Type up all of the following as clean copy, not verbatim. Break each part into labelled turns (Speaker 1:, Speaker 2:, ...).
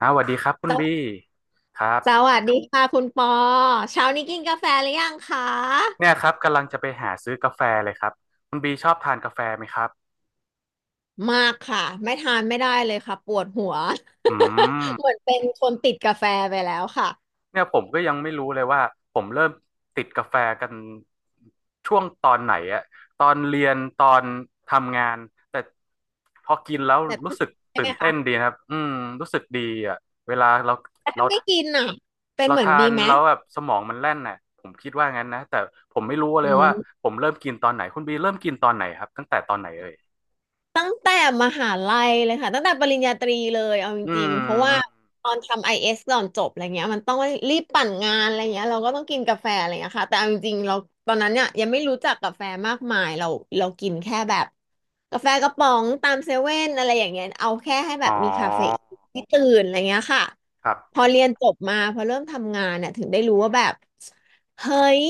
Speaker 1: อ่าวสวัสดีครับคุณ
Speaker 2: สว
Speaker 1: บีครับ
Speaker 2: สวัสดีค่ะคุณปอเช้านี้กินกาแฟหรือยังคะ
Speaker 1: เนี่ยครับกำลังจะไปหาซื้อกาแฟเลยครับคุณบีชอบทานกาแฟไหมครับ
Speaker 2: มากค่ะไม่ทานไม่ได้เลยค่ะปวดหัว
Speaker 1: อื
Speaker 2: เหมื
Speaker 1: ม
Speaker 2: อนเป็นคนติดกาแฟไปแล้วค่ะ
Speaker 1: เนี่ยผมก็ยังไม่รู้เลยว่าผมเริ่มติดกาแฟกันช่วงตอนไหนอะตอนเรียนตอนทำงานแต่พอกินแล้ว
Speaker 2: แบบ
Speaker 1: รู้สึก
Speaker 2: ใช่
Speaker 1: ตื่
Speaker 2: ไหม
Speaker 1: นเต้
Speaker 2: คะ
Speaker 1: นดีนะครับอืมรู้สึกดีอะเวลาเรา
Speaker 2: แต่
Speaker 1: เรา
Speaker 2: ถ้าไม่กินอ่ะเป็น
Speaker 1: เรา
Speaker 2: เหมือน
Speaker 1: ทา
Speaker 2: บี
Speaker 1: น
Speaker 2: ไหม
Speaker 1: แล้วแบบสมองมันแล่นน่ะผมคิดว่างั้นนะแต่ผมไม่รู้เล
Speaker 2: อื
Speaker 1: ยว่า
Speaker 2: ม
Speaker 1: ผมเริ่มกินตอนไหนคุณบีเริ่มกินตอนไหนครับตั้งแต่ตอนไหนเอ่ย
Speaker 2: ตั้งแต่มหาลัยเลยค่ะตั้งแต่ปริญญาตรีเลยเอาจ
Speaker 1: อื
Speaker 2: ริ
Speaker 1: ม
Speaker 2: งๆเพราะว่า
Speaker 1: อืม
Speaker 2: ตอนทำไอเอสก่อนจบอะไรเงี้ยมันต้องรีบปั่นงานอะไรเงี้ยเราก็ต้องกินกาแฟอะไรเงี้ยค่ะแต่เอาจริงๆเราตอนนั้นเนี่ยยังไม่รู้จักกาแฟมากมายเรากินแค่แบบกาแฟกระป๋องตามเซเว่นอะไรอย่างเงี้ยเอาแค่ให้แบ
Speaker 1: อ๋อ
Speaker 2: บมีคาเฟอีนที่ตื่นอะไรเงี้ยค่ะ
Speaker 1: ครับ
Speaker 2: พอเรียนจบมาพอเริ่มทำงานเนี่ยถึงได้รู้ว่าแบบเฮ้ย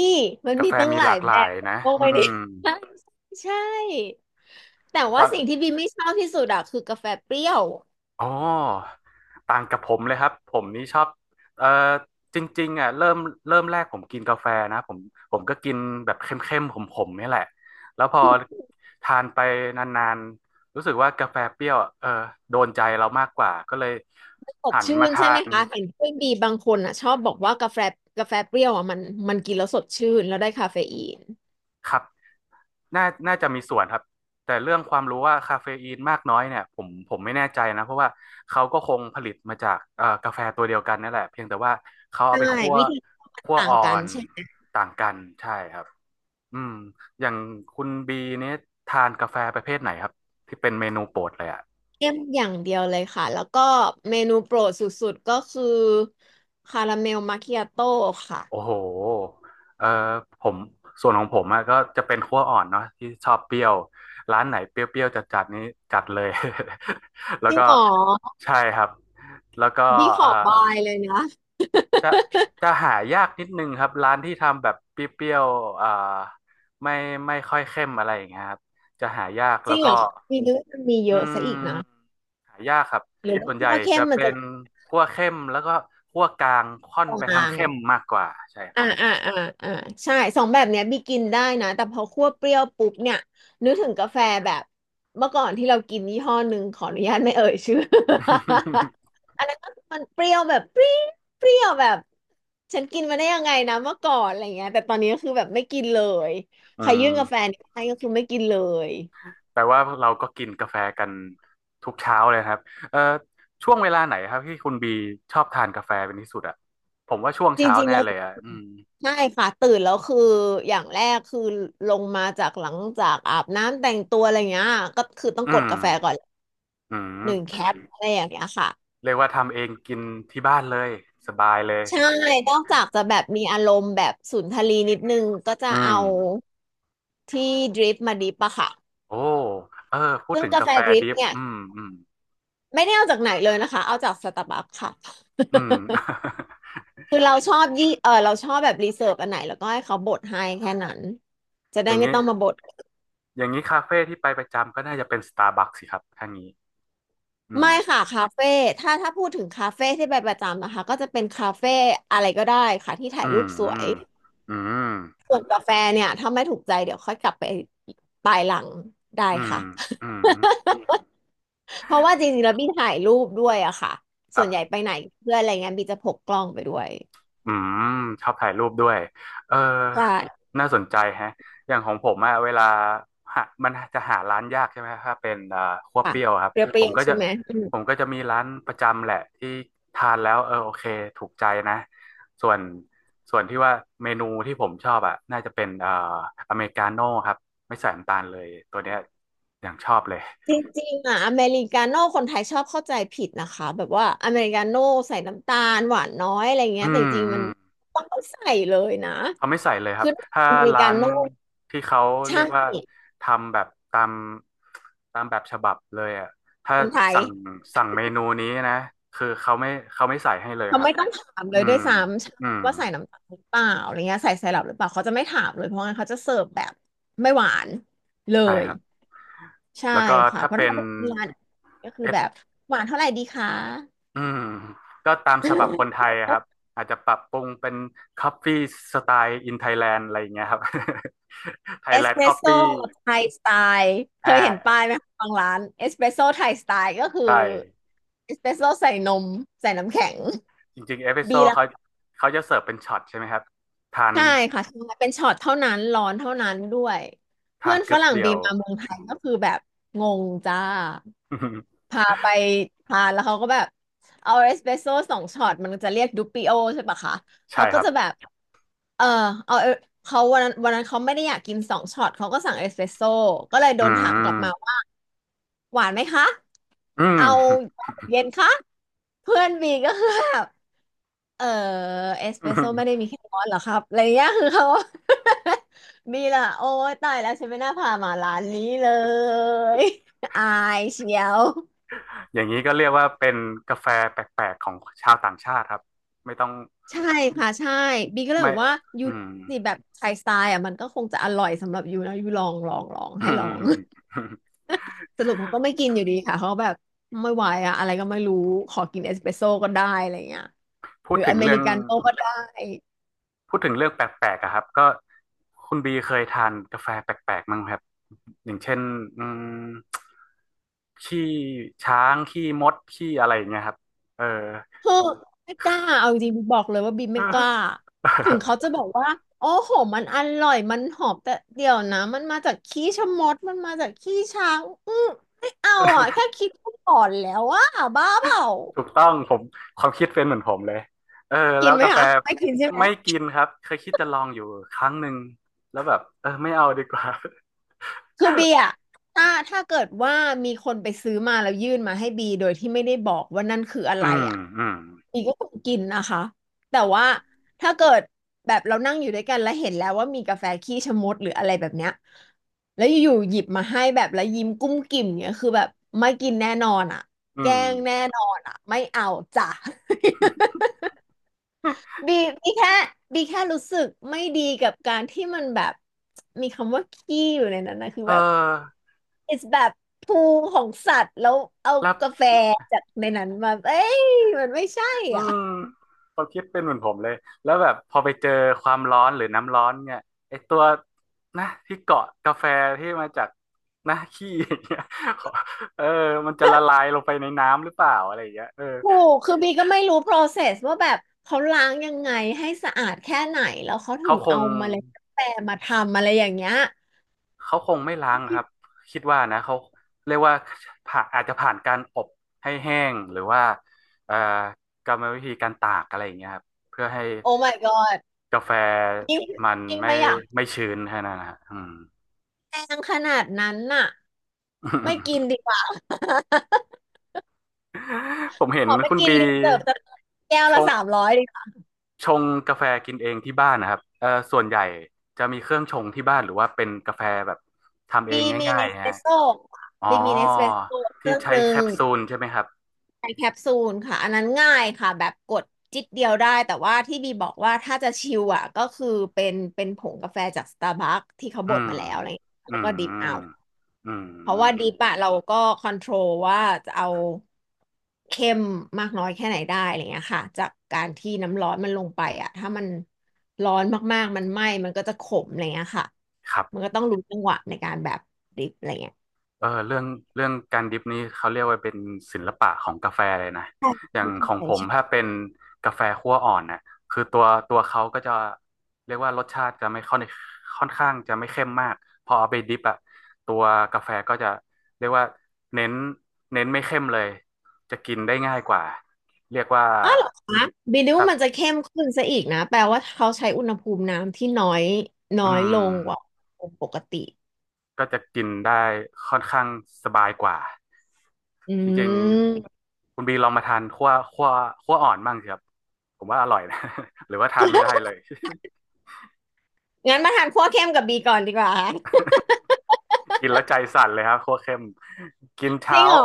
Speaker 2: มัน
Speaker 1: กา
Speaker 2: มี
Speaker 1: แฟ
Speaker 2: ตั้ง
Speaker 1: มี
Speaker 2: ห
Speaker 1: ห
Speaker 2: ลา
Speaker 1: ลา
Speaker 2: ย
Speaker 1: กห
Speaker 2: แบ
Speaker 1: ลาย
Speaker 2: บ
Speaker 1: นะ
Speaker 2: โอ้
Speaker 1: อื
Speaker 2: ย นี่
Speaker 1: ม
Speaker 2: ใช่ใช่ แต่
Speaker 1: ต
Speaker 2: ว่า
Speaker 1: อน
Speaker 2: สิ่งที่บีไม่ชอบที่สุดอะคือกาแฟเปรี้ยว
Speaker 1: อ๋อต่างกับผมเลยครับ ผมนี่ชอบเอ่อจริงๆอ่ะเริ่มเริ่มแรกผมกินกาแฟนะ ผมก็กินแบบเข้มๆขมๆนี่แหละ แล้วพอทานไปนานๆ รู้สึกว่ากาแฟเปรี้ยวอะเออโดนใจเรามากกว่า ก็เลย
Speaker 2: สด
Speaker 1: หัน
Speaker 2: ชื่
Speaker 1: มา
Speaker 2: น
Speaker 1: ทา
Speaker 2: ใช่ไหม
Speaker 1: น
Speaker 2: คะเห็นเพื่อนบีบางคนอะชอบบอกว่ากาแฟเปรี้ยวอะมันกินแล้วสดชื่นแล้วได้คาเฟอีน
Speaker 1: ครับ น่าน่าจะมีส่วนครับแต่เรื่องความรู้ว่าคาเฟอีนมากน้อยเนี่ยผมไม่แน่ใจนะเพราะว่าเขาก็คงผลิตมาจากกาแฟตัวเดียวกันนั่นแหละเพียงแต่ว่าเขาเอา
Speaker 2: ใช่
Speaker 1: ไปคั่ว
Speaker 2: วิธีมัน
Speaker 1: คั่ว
Speaker 2: ต่าง
Speaker 1: อ่อ
Speaker 2: กัน
Speaker 1: น
Speaker 2: ใช่ไหม
Speaker 1: ต่างกันใช่ครับอืมอย่างคุณบีเนี่ยทานกาแฟประเภทไหนครับที่เป็นเมนูโปรดเลยอ่ะ
Speaker 2: เข้มอย่างเดียวเลยค่ะแล้วก็เมนูโปรดสุดๆก็คือคาราเมลมาคิอาโต้ค่ะ
Speaker 1: โอ้โหเออผมส่วนของผมอะก็จะเป็นคั่วอ่อนเนาะที่ชอบเปรี้ยวร้านไหนเปรี้ยวๆจัดๆนี้จัดเลย แล้
Speaker 2: จ
Speaker 1: ว
Speaker 2: ริง
Speaker 1: ก็
Speaker 2: เหรอ
Speaker 1: ใช่ครับแล้วก็
Speaker 2: บีข
Speaker 1: เอ่
Speaker 2: อ
Speaker 1: อ
Speaker 2: บายเลยนะ
Speaker 1: จะหายากนิดนึงครับร้านที่ทำแบบเปรี้ยวๆไม่ไม่ค่อยเข้มอะไรอย่างเงี้ยครับจะหายาก
Speaker 2: จ
Speaker 1: แล้
Speaker 2: ริ
Speaker 1: ว
Speaker 2: ง
Speaker 1: ก็
Speaker 2: เหรอมีเยอะมีเย
Speaker 1: อื
Speaker 2: อะซะอีกนะ
Speaker 1: มหายากครับ
Speaker 2: หรือ
Speaker 1: ส่วนใหญ่
Speaker 2: ว่า่เข้
Speaker 1: จะ
Speaker 2: มมัน
Speaker 1: เป็
Speaker 2: จะ
Speaker 1: นคั่วเข้มแล้วก็คั่วกลางค่อนไป
Speaker 2: ก
Speaker 1: ทาง
Speaker 2: ลาง
Speaker 1: เข้มมากกว่าใช่ครั
Speaker 2: อ่า
Speaker 1: บ
Speaker 2: อ่าอ่าอ่าใช่สองแบบเนี้ยบีกินได้นะแต่พอคั่วเปรี้ยวปุ๊บเนี่ยนึกถึงกาแฟแบบเมื่อก่อนที่เรากินยี่ห้อหนึ่งขออนุญาตไม่เอ่ยชื่อ อันนั้นก็มันเปรี้ยวแบบปรี้เปรี้ยวแบบฉันกินมาได้ยังไงนะเมื่อก่อนอะไรเงี้ยแต่ตอนนี้ก็คือแบบไม่กินเลย
Speaker 1: อื
Speaker 2: ใครยื่
Speaker 1: ม
Speaker 2: นกาแฟนี่ให้ก็คือไม่กินเลย
Speaker 1: แปลว่าเราก็กินกาแฟกันทุกเช้าเลยครับเอ่อช่วงเวลาไหนครับที่คุณบีชอบทานกาแฟเป็นที่สุดอ่ะผมว่าช่วง
Speaker 2: จ
Speaker 1: เช้า
Speaker 2: ริงๆ
Speaker 1: แน่
Speaker 2: แล้ว
Speaker 1: เลยอ่ะอืม
Speaker 2: ใช่ค่ะตื่นแล้วคืออย่างแรกคือลงมาจากหลังจากอาบน้ำแต่งตัวอะไรเงี้ยก็คือต้อง
Speaker 1: อื
Speaker 2: กด
Speaker 1: ม
Speaker 2: กาแฟก่อน
Speaker 1: อื
Speaker 2: หนึ่ง
Speaker 1: ม
Speaker 2: แคปอะไรอย่างเงี้ยค่ะ
Speaker 1: เรียกว่าทำเองกินที่บ้านเลยสบายเลย
Speaker 2: ใช่นอกจากจะแบบมีอารมณ์แบบสุนทรีนิดนึงก็จะ
Speaker 1: อืม
Speaker 2: เอาที่ดริปมาดริปอะค่ะ
Speaker 1: โอ้เออพูด
Speaker 2: ซึ่ง
Speaker 1: ถึง
Speaker 2: กา
Speaker 1: กา
Speaker 2: แฟ
Speaker 1: แฟ
Speaker 2: ดริป
Speaker 1: ดิฟ
Speaker 2: เนี่ย
Speaker 1: อืมอืม
Speaker 2: ไม่ได้เอาจากไหนเลยนะคะเอาจากสตาร์บัคค่ะ
Speaker 1: อืม
Speaker 2: คือเราชอบยี่เออเราชอบแบบรีเสิร์ชอันไหนแล้วก็ให้เขาบดให้แค่นั้นจะ
Speaker 1: อ
Speaker 2: ได้
Speaker 1: ย่าง
Speaker 2: ไม่
Speaker 1: นี้
Speaker 2: ต้องมาบด
Speaker 1: อย่างนี้คาเฟ่ที่ไปประจำก็น่าจะเป็นสตาร์บัคสิครับท่านี้อื
Speaker 2: ไม่
Speaker 1: ม
Speaker 2: ค่ะคาเฟ่ถ้าพูดถึงคาเฟ่ที่ไปประจำนะคะก็จะเป็นคาเฟ่อะไรก็ได้ค่ะที่ถ่า
Speaker 1: อื
Speaker 2: ยรู
Speaker 1: ม
Speaker 2: ปส
Speaker 1: อื
Speaker 2: วย
Speaker 1: มอืม
Speaker 2: ส่วนกาแฟเนี่ยถ้าไม่ถูกใจเดี๋ยวค่อยกลับไปปลายหลังได้
Speaker 1: อืม
Speaker 2: ค่ะ
Speaker 1: อืม
Speaker 2: เพราะว่าจริงๆแล้วบี้ถ่ายรูปด้วยอะค่ะ
Speaker 1: ค
Speaker 2: ส่
Speaker 1: รั
Speaker 2: วนใหญ่
Speaker 1: บ
Speaker 2: ไปไหนเพื่อนอะไรเงี้ยบี้จะพกกล้องไปด้วย
Speaker 1: อืมชอบถ่ายรูปด้วยเออ
Speaker 2: ใช่
Speaker 1: น่าสนใจแฮะอย่างของผมอะเวลาหามันจะหาร้านยากใช่ไหม ถ้าเป็นคั่ว
Speaker 2: ค่ะ
Speaker 1: เปรี้ยวครับ
Speaker 2: เป
Speaker 1: ผ
Speaker 2: รี้
Speaker 1: ม
Speaker 2: ยว
Speaker 1: ก็
Speaker 2: ๆ
Speaker 1: จะ
Speaker 2: ใช่ไหมอืม
Speaker 1: ผมก็จะมีร้านประจำแหละที่ทานแล้วเออโอเคถูกใจนะส่วนส่วนที่ว่าเมนูที่ผมชอบอะน่าจะเป็นอเมริกาโน่ครับไม่ใส่น้ำตาลเลยตัวเนี้ยอย่างชอบเลย
Speaker 2: จริงๆอะอเมริกาโน่คนไทยชอบเข้าใจผิดนะคะแบบว่าอเมริกาโน่ใส่น้ำตาลหวานน้อยอะไรเงี้
Speaker 1: อื
Speaker 2: ยแต่จ
Speaker 1: ม
Speaker 2: ริง
Speaker 1: อื
Speaker 2: ๆมัน
Speaker 1: ม
Speaker 2: ต้องใส่เลยนะ
Speaker 1: เขาไม่ใส่เลยครับ ถ้า
Speaker 2: อเมริ
Speaker 1: ร้า
Speaker 2: กา
Speaker 1: น
Speaker 2: โน่
Speaker 1: ที่เขาเรี
Speaker 2: ใช่
Speaker 1: ยกว่าทำแบบตามตามแบบฉบับเลยอ่ะถ้า
Speaker 2: คนไทย
Speaker 1: สั่งสั่งเมนูนี้นะ คือเขาไม่ใส่ให้เลย
Speaker 2: เขา
Speaker 1: ครับ
Speaker 2: ไม่ต้องถามเล
Speaker 1: อื
Speaker 2: ยด้ว
Speaker 1: ม
Speaker 2: ยซ้
Speaker 1: อืม
Speaker 2: ำว่าใส่น้ำตาลหรือเปล่าอะไรเงี้ยใส่ไซรัปหรือเปล่าเขาจะไม่ถามเลยเพราะงั้นเขาจะเสิร์ฟแบบไม่หวานเล
Speaker 1: ใช่
Speaker 2: ย
Speaker 1: ครับ
Speaker 2: ใช่
Speaker 1: แล้วก็
Speaker 2: ค่ะ
Speaker 1: ถ้า
Speaker 2: เพราะ
Speaker 1: เป็
Speaker 2: ถ้า
Speaker 1: น
Speaker 2: เป็นร้านก็คือ
Speaker 1: เอ
Speaker 2: แบบ
Speaker 1: ส
Speaker 2: หวานเท่าไหร่ดีคะ
Speaker 1: อืม ก็ตามฉบับคนไทยอะครับ อาจจะปรับปรุงเป็นคอฟฟี่สไตล์อินไทยแลนด์อะไรอย่างเงี้ยครับ ไท
Speaker 2: เอ
Speaker 1: ยแล
Speaker 2: ส
Speaker 1: น
Speaker 2: เป
Speaker 1: ด์
Speaker 2: ร
Speaker 1: คอ
Speaker 2: ส
Speaker 1: ฟ
Speaker 2: โซ่
Speaker 1: ฟี่
Speaker 2: ไทยสไตล์เค
Speaker 1: อ่า
Speaker 2: ยเห็นป้ายไหมคะบางร้านเอสเปรสโซ่ไทยสไตล์ก็คือ
Speaker 1: ใช่
Speaker 2: เอสเปรสโซ่ใส่นมใส่น้ำแข็ง
Speaker 1: จริงๆเอพิโซ
Speaker 2: บี
Speaker 1: ด
Speaker 2: รา
Speaker 1: เขาเขาจะเสิร์ฟเป็นช็อตใช่ไหมครับทาน
Speaker 2: ใช่ค่ะใช่เป็นช็อตเท่านั้นร้อนเท่านั้นด้วย
Speaker 1: ทา
Speaker 2: เพื่อ
Speaker 1: น
Speaker 2: นฝ
Speaker 1: กึ๊บ
Speaker 2: รั่ง
Speaker 1: เดี
Speaker 2: บี
Speaker 1: ยว
Speaker 2: มมาเมืองไทยก็คือแบบงงจ้าพาไป ทานแล้วเขาก็แบบเอาเอสเปรสโซ่สองช็อตมันจะเรียกดูปิโอใช่ปะคะ
Speaker 1: ใช่
Speaker 2: เขา
Speaker 1: ค
Speaker 2: ก็
Speaker 1: รับ
Speaker 2: จะแบบเออเอาเอเขาวันนั้นเขาไม่ได้อยากกินสองช็อตเขาก็สั่งเอสเปรสโซ่ก็เลยโด
Speaker 1: อื
Speaker 2: นถามกลับมา
Speaker 1: ม
Speaker 2: ว่าหวานไหมคะ
Speaker 1: อื
Speaker 2: เอา
Speaker 1: ม
Speaker 2: เย็นคะเพื่อนบีก็คือแบบ เออเอสเปรสโซ่ไม่ ได้มีแค่ร้อนเหรอครับอะไรเงี้ย คือเขา มีละโอ้ยตายแล้วฉันไม่น่าพามาร้านนี้เลย อายเชียว
Speaker 1: อย่างนี้ก็เรียกว่าเป็นกาแฟแปลกๆของชาวต่างชาติครับไม่ต้อง
Speaker 2: ใช่ค่ะใช่บีก็เลย
Speaker 1: ไม่
Speaker 2: บอกว่ายู
Speaker 1: อื
Speaker 2: ลอ
Speaker 1: ม
Speaker 2: งสิแบบไทยสไตล์อ่ะมันก็คงจะอร่อยสำหรับยูนะยูลองลองลองให้ลอง สรุปเขาก็ไม่กินอยู่ดีค่ะเขาแบบไม่ไหวอะอะไรก็ไม่รู้ขอกินเอสเปรสโซ่ก็ได้อะไรเงี้ย
Speaker 1: พู
Speaker 2: ห
Speaker 1: ด
Speaker 2: รือ
Speaker 1: ถึ
Speaker 2: อ
Speaker 1: ง
Speaker 2: เม
Speaker 1: เรื่
Speaker 2: ริ
Speaker 1: อง
Speaker 2: กาโน่ก็ได้
Speaker 1: พูดถึงเรื่องแปลกๆอะครับก็คุณบีเคยทานกาแฟแปลกๆมั้งไหมครับอย่างเช่นอืมขี้ช้างขี้มดขี้อะไรอย่างเงี้ยครับเออ
Speaker 2: เฮ้อไม่กล้าเอาจริงๆบอกเลยว่าบีม
Speaker 1: เอ
Speaker 2: ไม่กล้า
Speaker 1: อ
Speaker 2: ถึงเขาจะบอกว่าโอ้โหมันอร่อยมันหอมแต่เดี๋ยวนะมันมาจากขี้ชะมดมันมาจากขี้ช้างอืมไม่เอาอ่ะแค่คิดก็หลอนแล้วอ่ะบ้าเปล่า
Speaker 1: ถูกต้องผมความคิดเป็นเหมือนผมเลยเออแล้
Speaker 2: กิน
Speaker 1: ว
Speaker 2: ไหม
Speaker 1: กาแฟ
Speaker 2: คะไม่กินใช่ไหม
Speaker 1: ไม่กินครับเคยคิดจะลองอยู่ครั้งหนึ่งแล้วแบบเออไม่เอาดีกว่า
Speaker 2: คือบีอะถ้าเกิดว่ามีคนไปซื้อมาแล้วยื่นมาให้บีโดยที่ไม่ได้บอกว่านั่นคืออะ ไร
Speaker 1: อืม
Speaker 2: อะ
Speaker 1: อืม
Speaker 2: บีก็คงกินนะคะแต่ว่าถ้าเกิดแบบเรานั่งอยู่ด้วยกันแล้วเห็นแล้วว่ามีกาแฟขี้ชะมดหรืออะไรแบบเนี้ยแล้วอยู่ๆหยิบมาให้แบบแล้วยิ้มกุ้มกิ่มเนี้ยคือแบบไม่กินแน่นอนอะ
Speaker 1: อื
Speaker 2: แกล้
Speaker 1: ม
Speaker 2: งแน่นอนอะไม่เอาจ้ะ บีบีแค่บีแค่รู้สึกไม่ดีกับการที่มันแบบมีคำว่าขี้อยู่ในนั้นนะคือ
Speaker 1: เอ
Speaker 2: แบบ
Speaker 1: อ
Speaker 2: it's แบบภูของสัตว์แล้วเอา
Speaker 1: แล้ว
Speaker 2: กาแฟจากในนั้นมาเอ้ยมันไม่ใช่
Speaker 1: อื
Speaker 2: อ่ะ
Speaker 1: มความคิดเป็นเหมือนผมเลยแล้วแบบพอไปเจอความร้อนหรือน้ำร้อนเนี่ยไอตัวนะที่เกาะกาแฟที่มาจากนะขี้อย่างเงี้ย ขอเออมันจะละลายลงไปในน้ำหรือเปล่าอะไรอย่างเงี้ยเออ
Speaker 2: ถูกคือบีก็ไม่รู้ process ว่าแบบเขาล้างยังไงให้สะอาดแค่ไหนแล้วเขาถึ
Speaker 1: เขา
Speaker 2: ง
Speaker 1: ค
Speaker 2: เอา
Speaker 1: ง
Speaker 2: เมล็ดกาแฟมาทำอะไรอย่างเงี้ย
Speaker 1: เขาคงไม่ล้างครับคิดว่านะเขาเรียกว่าผ่าอาจจะผ่านการอบให้แห้งหรือว่าเอ่อกรรมวิธีการตากอะไรอย่างเงี้ยครับเพื่อให้
Speaker 2: โอ้ my god
Speaker 1: กาแฟ
Speaker 2: ยิ่ง
Speaker 1: มัน
Speaker 2: ยิ่ง
Speaker 1: ไม่
Speaker 2: ไม่อยาก
Speaker 1: ไม่ชื้นแค่นั้นนะฮะอืม
Speaker 2: แพงขนาดนั้นน่ะไม่กิน ดีกว่า
Speaker 1: ผมเห็
Speaker 2: ข
Speaker 1: น
Speaker 2: อไป
Speaker 1: คุณ
Speaker 2: กิน
Speaker 1: บี
Speaker 2: รีเสิร์ฟสักแก้ว
Speaker 1: ช
Speaker 2: ละสาม
Speaker 1: ง
Speaker 2: ร้อยดีกว่า
Speaker 1: ชงกาแฟกินเองที่บ้านนะครับส่วนใหญ่จะมีเครื่องชงที่บ้านหรือว่าเป็นกาแฟแบบทำเอ
Speaker 2: บี
Speaker 1: ง
Speaker 2: มี
Speaker 1: ง่า
Speaker 2: เน
Speaker 1: ย
Speaker 2: ส
Speaker 1: ๆ
Speaker 2: เปร
Speaker 1: ฮะ
Speaker 2: สโซ่
Speaker 1: อ๋อ
Speaker 2: บีมีเนสเปรสโซ่เค
Speaker 1: ที่
Speaker 2: รื่องห
Speaker 1: ใช้
Speaker 2: นึ่
Speaker 1: แค
Speaker 2: ง
Speaker 1: ปซูลใช่ไหมครับ
Speaker 2: ในแคปซูลค่ะอันนั้นง่ายค่ะแบบกดจิ๊ดเดียวได้แต่ว่าที่บีบอกว่าถ้าจะชิลอ่ะก็คือเป็นผงกาแฟจากสตาร์บัคที่เขา
Speaker 1: อื
Speaker 2: บด
Speaker 1: ม
Speaker 2: มาแล้วอะไรอย่างเงี้ย
Speaker 1: อื
Speaker 2: แล้วก็ดริปเอา
Speaker 1: มอื
Speaker 2: เพราะ
Speaker 1: ม
Speaker 2: ว่าดริปอะเราก็คอนโทรลว่าจะเอาเข้มมากน้อยแค่ไหนได้อะไรเงี้ยค่ะจากการที่น้ำร้อนมันลงไปอะถ้ามันร้อนมากๆมันไหม้มันก็จะขมอะไรเงี้ยค่ะ
Speaker 1: ครั
Speaker 2: มัน
Speaker 1: บ
Speaker 2: ก็ต้องรู้จังหวะในการแบบดริปอะไรเงี้ย
Speaker 1: เออเรื่องการดริปนี้เขาเรียกว่าเป็นศิลปะของกาแฟเลยนะ
Speaker 2: ใช่
Speaker 1: อ
Speaker 2: ใช
Speaker 1: ย่างของ
Speaker 2: ่
Speaker 1: ผม
Speaker 2: ใช่
Speaker 1: ถ้าเป็นกาแฟคั่วอ่อนน่ะคือตัวเขาก็จะเรียกว่ารสชาติจะไม่ค่อนค่อนข้างจะไม่เข้มมากพอเอาไปดริปอะตัวกาแฟก็จะเรียกว่าเน้นเน้นไม่เข้มเลยจะกินได้ง่ายกว่า เรียกว่า
Speaker 2: อ้าวเหรอคะบีดิว
Speaker 1: ครั
Speaker 2: มันจะ
Speaker 1: บ
Speaker 2: เข้มขึ้นซะอีกนะแปลว่าเขาใช้อุณหภูมิน้ำที่น้อยน้อ
Speaker 1: อื
Speaker 2: ย
Speaker 1: ม
Speaker 2: ลงกว่าอุณหภูมิปกติ
Speaker 1: ก็จะกินได้ค่อนข้างสบายกว่า
Speaker 2: อื
Speaker 1: จริง
Speaker 2: ม
Speaker 1: ๆคุณบีลองมาทานคั่วอ่อนบ้างสิครับผมว่าอร่อยนะ หรือว่าทานไม่ได้เลย
Speaker 2: งั้นมาทานคั่วเข้มกับบีก่อนดีกว่า
Speaker 1: กินแล้วใจสั่นเลยครับคั่วเข้มกิน
Speaker 2: จริ
Speaker 1: เช้า
Speaker 2: งเหรอ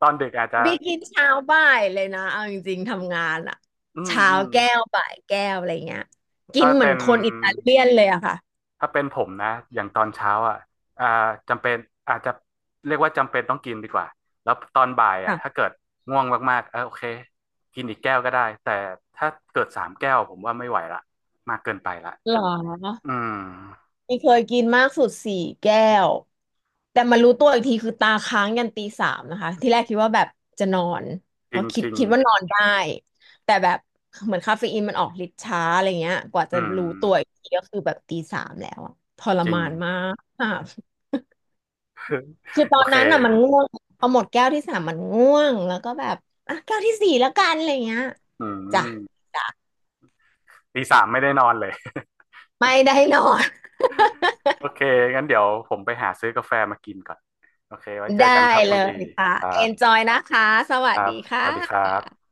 Speaker 1: ตอนดึกอาจจะ
Speaker 2: บีกินเช้าบ่ายเลยนะเอาจริงๆทำงานอะ
Speaker 1: อืม
Speaker 2: เช้า
Speaker 1: อืม
Speaker 2: แก้วบ่ายแก้วอะไรเงี้ยกิน
Speaker 1: ถ้า
Speaker 2: เหมือ
Speaker 1: เป็
Speaker 2: น
Speaker 1: น
Speaker 2: คนอิตาเลียนเลยอะค่ะ
Speaker 1: ถ้าเป็นผมนะอย่างตอนเช้าอ่ะอ่าจำเป็นอาจจะเรียกว่าจำเป็นต้องกินดีกว่าแล้วตอนบ่ายอ่ะถ้า
Speaker 2: ค่ะ
Speaker 1: เกิดง่วงมากๆเออโอเคกินอีกแก้วก็ได้แต่ถ้าเกิดสามแก้วผมว่าไม่ไหวละมากเกินไปละ
Speaker 2: หรอ
Speaker 1: อืม
Speaker 2: นี่เคยกินมากสุด4แก้วแต่มารู้ตัวอีกทีคือตาค้างยันตีสามนะคะที่แรกคิดว่าแบบจะนอนเพราะคิ
Speaker 1: จ
Speaker 2: ด
Speaker 1: ริง
Speaker 2: คิดว่านอนได้แต่แบบเหมือนคาเฟอีนมันออกฤทธิ์ช้าอะไรเงี้ยกว่า
Speaker 1: อื
Speaker 2: จะ
Speaker 1: ม
Speaker 2: รู้ตัวอีกทีก็คือแบบตีสามแล้วอะทร
Speaker 1: จริง
Speaker 2: มานมากค่ะคือตอ
Speaker 1: โอ
Speaker 2: น
Speaker 1: เค
Speaker 2: นั้นอ่ะมันง่วงพอหมดแก้วที่ 3มันง่วงแล้วก็แบบอ่ะแก้วที่ 4แล้วกันอะไรเงี้ย
Speaker 1: อื
Speaker 2: จ้ะ
Speaker 1: มตีสามไม่ได้นอนเลย
Speaker 2: ไม่ได้นอน
Speaker 1: โอเคงั้นเดี๋ยวผมไปหาซื้อกาแฟมากินก่อนโอเคไว้ เจอ
Speaker 2: ได้
Speaker 1: กันครับคุ
Speaker 2: เล
Speaker 1: ณบี
Speaker 2: ยค่ะ
Speaker 1: ครั
Speaker 2: enjoy นจ
Speaker 1: บ
Speaker 2: อยนะคะส
Speaker 1: ค
Speaker 2: วัส
Speaker 1: รั
Speaker 2: ดี
Speaker 1: บ
Speaker 2: ค
Speaker 1: สวัสดีครั
Speaker 2: ่ะ
Speaker 1: บ